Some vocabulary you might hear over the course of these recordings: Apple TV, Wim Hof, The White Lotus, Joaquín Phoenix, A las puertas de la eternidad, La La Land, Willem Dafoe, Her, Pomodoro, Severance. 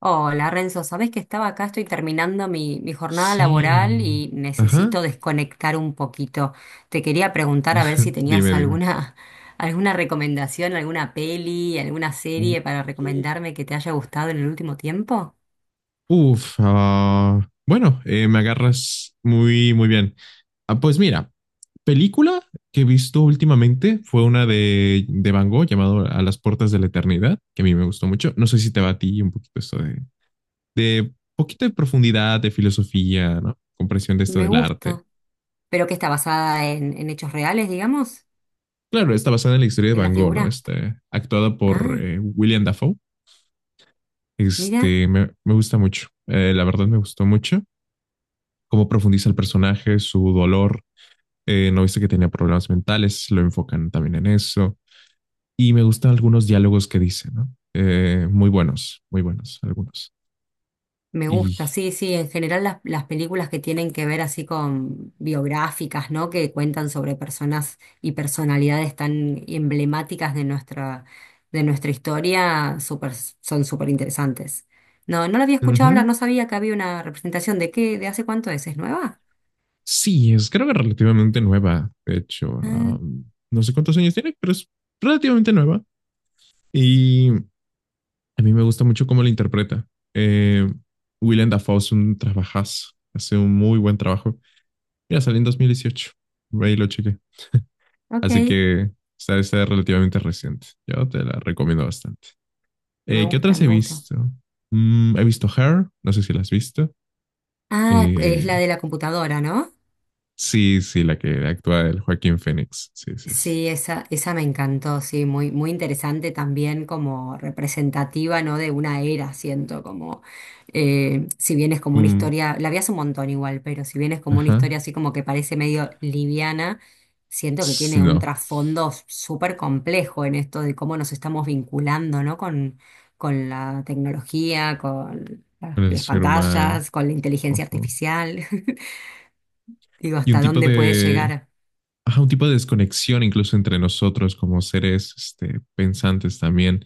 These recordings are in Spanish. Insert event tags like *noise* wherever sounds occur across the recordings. Hola Renzo, sabés que estaba acá, estoy terminando mi jornada laboral Sí. y Ajá. necesito desconectar un poquito. Te quería preguntar a ver si *laughs* tenías Dime, dime. alguna, *laughs* alguna recomendación, alguna peli, alguna U- serie para recomendarme que te haya gustado en el último tiempo. Me agarras muy bien. Ah, pues mira, película que he visto últimamente fue una de Van Gogh llamado A las puertas de la eternidad, que a mí me gustó mucho. No sé si te va a ti un poquito esto de poquito de profundidad, de filosofía, ¿no? Comprensión de esto Me del arte. gusta. ¿Pero que está basada en hechos reales, digamos? Claro, está basada en la historia de ¿En la Van Gogh, ¿no? figura? Este, actuada por Ah, William Dafoe. mira. Este, me gusta mucho. La verdad me gustó mucho cómo profundiza el personaje, su dolor. No viste que tenía problemas mentales, lo enfocan también en eso. Y me gustan algunos diálogos que dice, ¿no? Muy buenos, muy buenos algunos. Me gusta, Y sí, sí, en general las películas que tienen que ver así con biográficas, ¿no? Que cuentan sobre personas y personalidades tan emblemáticas de nuestra historia, son súper interesantes. No, no la había escuchado hablar, ujú. no sabía que había una representación. ¿De qué? ¿De hace cuánto es? ¿Es nueva? Sí, es creo que relativamente nueva, de hecho. Ah, No sé cuántos años tiene, pero es relativamente nueva. Y a mí me gusta mucho cómo la interpreta. Eh, Willem Dafoe es un trabajazo, hace un muy buen trabajo. Mira, salió en 2018. Ahí lo chequé. ok, Así que está, está relativamente reciente. Yo te la recomiendo bastante. me ¿Qué gusta, otras he me gusta. visto? Mm, he visto Her, no sé si la has visto. Ah, es Eh, la de la computadora, ¿no? sí, sí, la que actúa el Joaquín Phoenix. Sí, sí, sí. Sí, esa me encantó, sí, muy, muy interesante también como representativa, ¿no? De una era, siento, como si bien es como una Mm, historia, la vi hace un montón igual, pero si bien es como una historia ajá. así como que parece medio liviana, siento que tiene un No, trasfondo súper complejo en esto de cómo nos estamos vinculando, ¿no? Con la tecnología, con con el las ser humano. pantallas, con la inteligencia Ujú. artificial. *laughs* Digo, Y un hasta tipo dónde puede de, llegar. ajá, un tipo de desconexión incluso entre nosotros como seres este, pensantes también.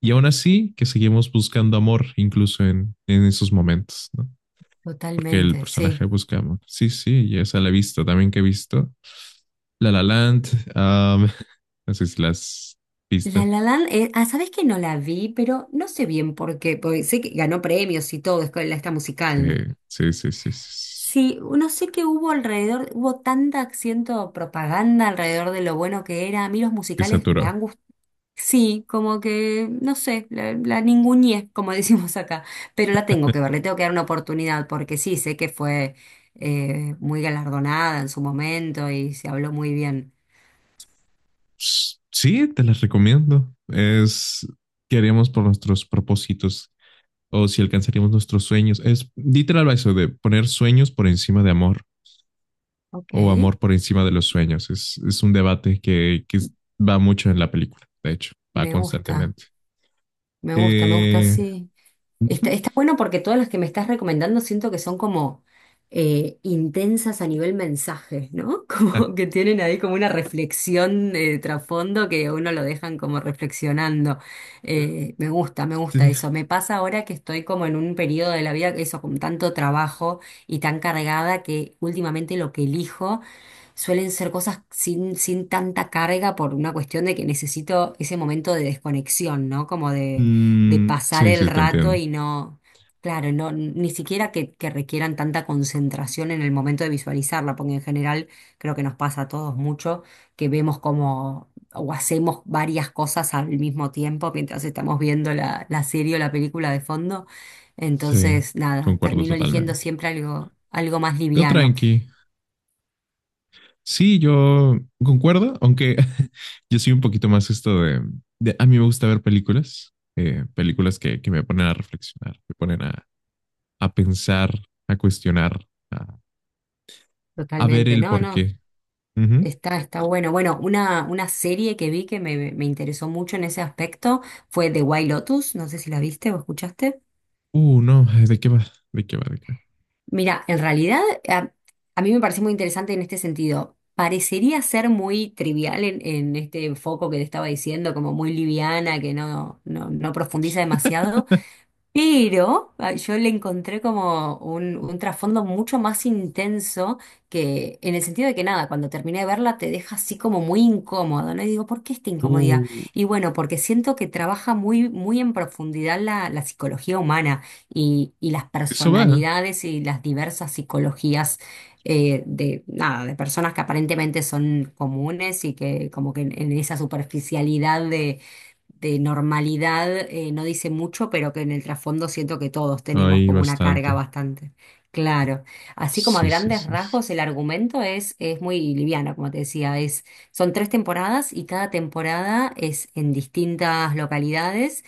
Y aún así, que seguimos buscando amor incluso en esos momentos, ¿no? Porque el Totalmente, sí. personaje busca amor. Sí, sí, y esa la he visto también que he visto. La La Land, um, *laughs* no sé si las La viste. La Land, ¿sabés que no la vi? Pero no sé bien por qué, porque sé que ganó premios y todo, es con la esta Sí, musical. sí, sí, sí, sí. Sí, no sé qué hubo alrededor, hubo tanta acciento propaganda alrededor de lo bueno que era. A mí los Que musicales me saturó. han gustado. Sí, como que, no sé, la ninguneé, como *laughs* decimos acá, pero la tengo que ver, le tengo que dar una oportunidad, porque sí, sé que fue muy galardonada en su momento y se habló muy bien. Sí, te las recomiendo. Es qué haríamos por nuestros propósitos o si alcanzaríamos nuestros sueños. Es literal eso de poner sueños por encima de amor Ok, o amor por encima de los sueños. Es un debate va mucho en la película, de hecho, va me gusta, constantemente. me gusta, me gusta, Eh, sí. Está, ujú. está bueno porque todas las que me estás recomendando siento que son como intensas a nivel mensaje, ¿no? *laughs* Ah, Como que tienen ahí como una reflexión de trasfondo que a uno lo dejan como reflexionando. Me gusta, me te gusta eso. dije. Me pasa ahora que estoy como en un periodo de la vida, eso, con tanto trabajo y tan cargada que últimamente lo que elijo suelen ser cosas sin, sin tanta carga por una cuestión de que necesito ese momento de desconexión, ¿no? Como de Mm, pasar sí, el sí, te rato entiendo. y no, claro, no, ni siquiera que requieran tanta concentración en el momento de visualizarla, porque en general creo que nos pasa a todos mucho que vemos como o hacemos varias cosas al mismo tiempo mientras estamos viendo la serie o la película de fondo. Sí, Entonces, nada, concuerdo termino eligiendo totalmente. siempre algo, algo más Yo liviano. tranqui. Sí, yo concuerdo, aunque *laughs* yo soy un poquito más esto a mí me gusta ver películas, películas que me ponen a reflexionar, me ponen a pensar, a cuestionar, a ver Totalmente, el no, no. porqué. Ujú. Está, está bueno. Bueno, una serie que vi que me interesó mucho en ese aspecto fue The White Lotus. No sé si la viste o escuchaste. No, ay, ¿de qué va? ¿De qué va? ¿De qué va? Mira, en realidad a, a mí me pareció muy interesante en este sentido. Parecería ser muy trivial en este foco que te estaba diciendo, como muy liviana, que no, no, no profundiza demasiado. Pero yo le encontré como un trasfondo mucho más intenso que en el sentido de que nada, cuando terminé de verla te deja así como muy incómodo, ¿no? Y digo, ¿por qué esta incomodidad? Uh, Y bueno, porque siento que trabaja muy, muy en profundidad la psicología humana y las eso va. personalidades y las diversas psicologías nada, de personas que aparentemente son comunes y que como que en esa superficialidad de normalidad no dice mucho, pero que en el trasfondo siento que todos tenemos Ahí como una carga bastante. bastante. Claro. Así como a Sí, sí, grandes sí, sí. rasgos, el argumento es muy liviano, como te decía, es, son tres temporadas y cada temporada es en distintas localidades,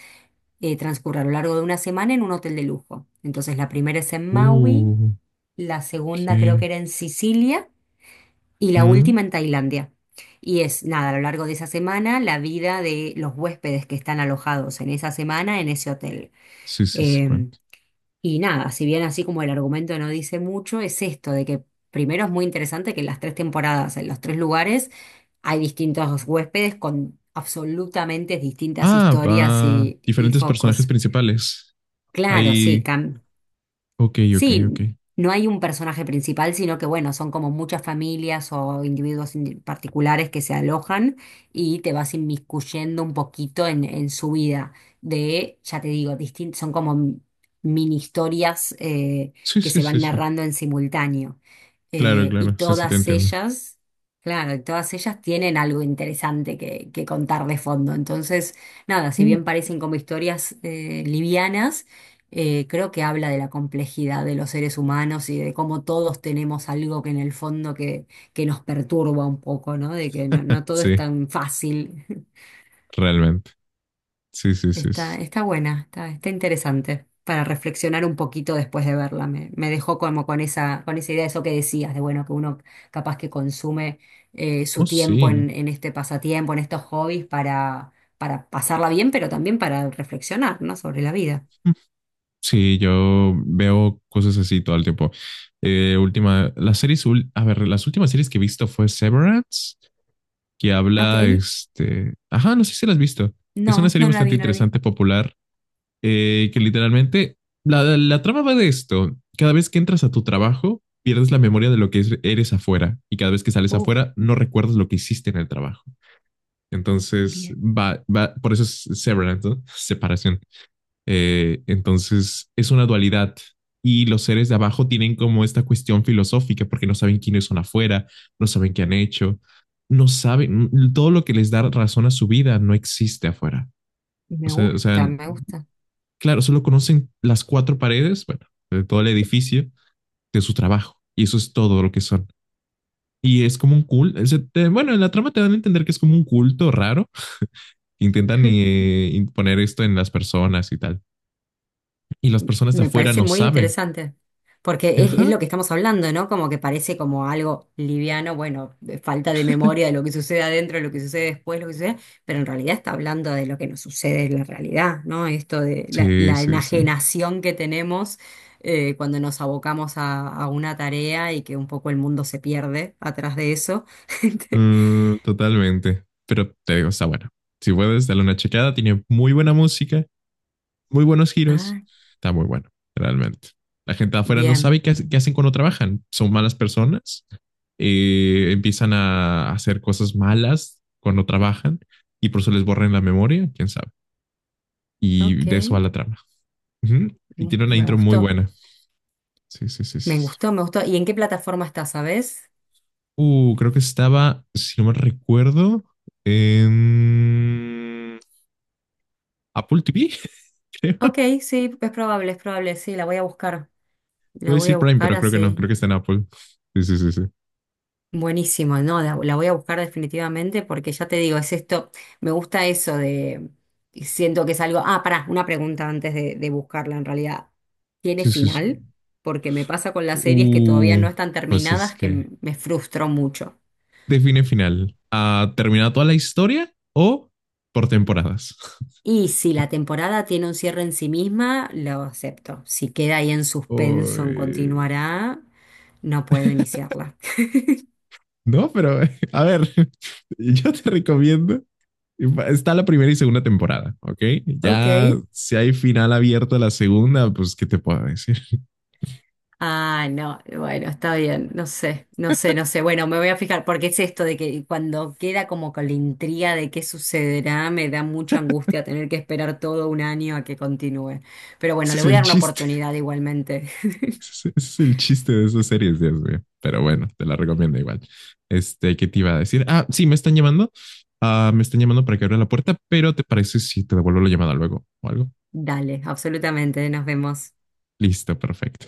transcurre a lo largo de una semana en un hotel de lujo. Entonces la primera es en Maui, Uh, la segunda creo ok. que era en Sicilia y la Mm, última en Tailandia. Y es, nada, a lo largo de esa semana, la vida de los huéspedes que están alojados en esa semana en ese hotel. sí, sí, sí, Eh, cuento. y nada, si bien así como el argumento no dice mucho, es esto de que primero es muy interesante que en las tres temporadas, en los tres lugares, hay distintos huéspedes con absolutamente distintas Ah, historias va. Y Diferentes personajes focos. principales. Claro, sí, Ahí. Cam. Ok, ok, ok. Sí, no hay un personaje principal, sino que bueno, son como muchas familias o individuos particulares que se alojan y te vas inmiscuyendo un poquito en su vida. De, ya te digo, son como mini historias Sí, que sí, se sí, van sí. narrando en simultáneo. Claro, Y claro. Sí, sí, te todas entiendo. ellas, claro, y todas ellas tienen algo interesante que contar de fondo. Entonces, nada, si Mm. bien parecen como historias livianas, creo que habla de la complejidad de los seres humanos y de cómo todos tenemos algo que en el fondo que nos perturba un poco, ¿no? De que no, no todo es Sí, tan fácil. *laughs* realmente. Sí, sí, sí, Está, sí. está buena, está, está interesante para reflexionar un poquito después de verla. Me dejó como con esa idea de eso que decías, de bueno, que uno capaz que consume Oh, su tiempo sí. En este pasatiempo, en estos hobbies para pasarla bien, pero también para reflexionar, ¿no? Sobre la vida. Sí, yo veo cosas así todo el tiempo. Última, las series, ul- A ver, las últimas series que he visto fue Severance, que Ok, habla, este, ajá, no sé si la has visto. Es una no, serie no la bastante vi, no la vi. interesante, popular, que literalmente, la trama va de esto. Cada vez que entras a tu trabajo, pierdes la memoria de lo eres afuera, y cada vez que sales Uf. afuera, no recuerdas lo que hiciste en el trabajo. Entonces, Bien, por eso es Severance, ¿no? *laughs* Separación. Entonces es una dualidad y los seres de abajo tienen como esta cuestión filosófica porque no saben quiénes son afuera, no saben qué han hecho, no saben todo lo que les da razón a su vida no existe afuera. O me sea, o sea gusta, me gusta. claro, solo conocen las cuatro paredes, bueno, de todo el edificio, de su trabajo y eso es todo lo que son. Y es como un culto. Bueno, en la trama te dan a entender que es como un culto raro. Intentan imponer esto en las personas y tal. Y las personas de Me afuera parece no muy saben. interesante, porque Ajá, es lo que estamos hablando, ¿no? Como que parece como algo liviano, bueno, de falta de memoria de lo que sucede adentro, lo que sucede después, lo que sucede, pero en realidad está hablando de lo que nos sucede en la realidad, ¿no? Esto de sí, la sí, sí. enajenación que tenemos cuando nos abocamos a una tarea y que un poco el mundo se pierde atrás de eso. *laughs* Mm, totalmente. Pero te digo, está bueno. Si puedes, dale una checada. Tiene muy buena música, muy buenos giros. Ah, Está muy bueno, realmente. La gente de afuera no sabe bien, qué hacen cuando trabajan. Son malas personas. Empiezan a hacer cosas malas cuando trabajan y por eso les borran la memoria, quién sabe. Y ok, de eso va la trama. Ujú. Y tiene una me intro muy gustó. buena. Sí, sí, sí, sí, Me sí. gustó, me gustó. ¿Y en qué plataforma está, sabes? Creo que estaba, si no me recuerdo, en Apple TV, *laughs* creo. Ok, sí, es probable, sí, la voy a buscar. Iba La a voy a decir Prime, buscar pero creo que no, así. creo que está en Apple. Sí, sí, sí, sí. Buenísimo, no, la voy a buscar definitivamente porque ya te digo, es esto, me gusta eso de, siento que es algo, ah, pará, una pregunta antes de buscarla en realidad. ¿Tiene Sí, sí, sí. final? Porque me pasa con las series que todavía Uh, no están pues es terminadas que que me frustró mucho. define final. ¿Ha terminado toda la historia o por temporadas? *laughs* Y si la temporada tiene un cierre en sí misma, lo acepto. Si queda ahí en suspenso, en Uy, continuará, no puedo iniciarla. *laughs* no, pero *laughs* a ver, *laughs* yo te recomiendo. Está la primera y segunda temporada, ¿ok? Ok. Ya si hay final abierto a la segunda, pues, ¿qué te puedo decir? Ah, no, bueno, está bien, no sé, no sé, no sé. Bueno, me voy a fijar, porque es esto de que cuando queda como con la intriga de qué sucederá, me da mucha angustia tener que esperar todo un año a que continúe. Pero bueno, Ese le es voy a el dar una chiste. *laughs* oportunidad igualmente. *laughs* Ese es el chiste de esas series, Dios mío. Pero bueno, te la recomiendo igual. Este, ¿qué te iba a decir? Ah, sí, me están llamando. Ah, me están llamando para que abra la puerta, pero ¿te parece si te devuelvo la llamada luego o algo? Dale, absolutamente, nos vemos. Listo, perfecto.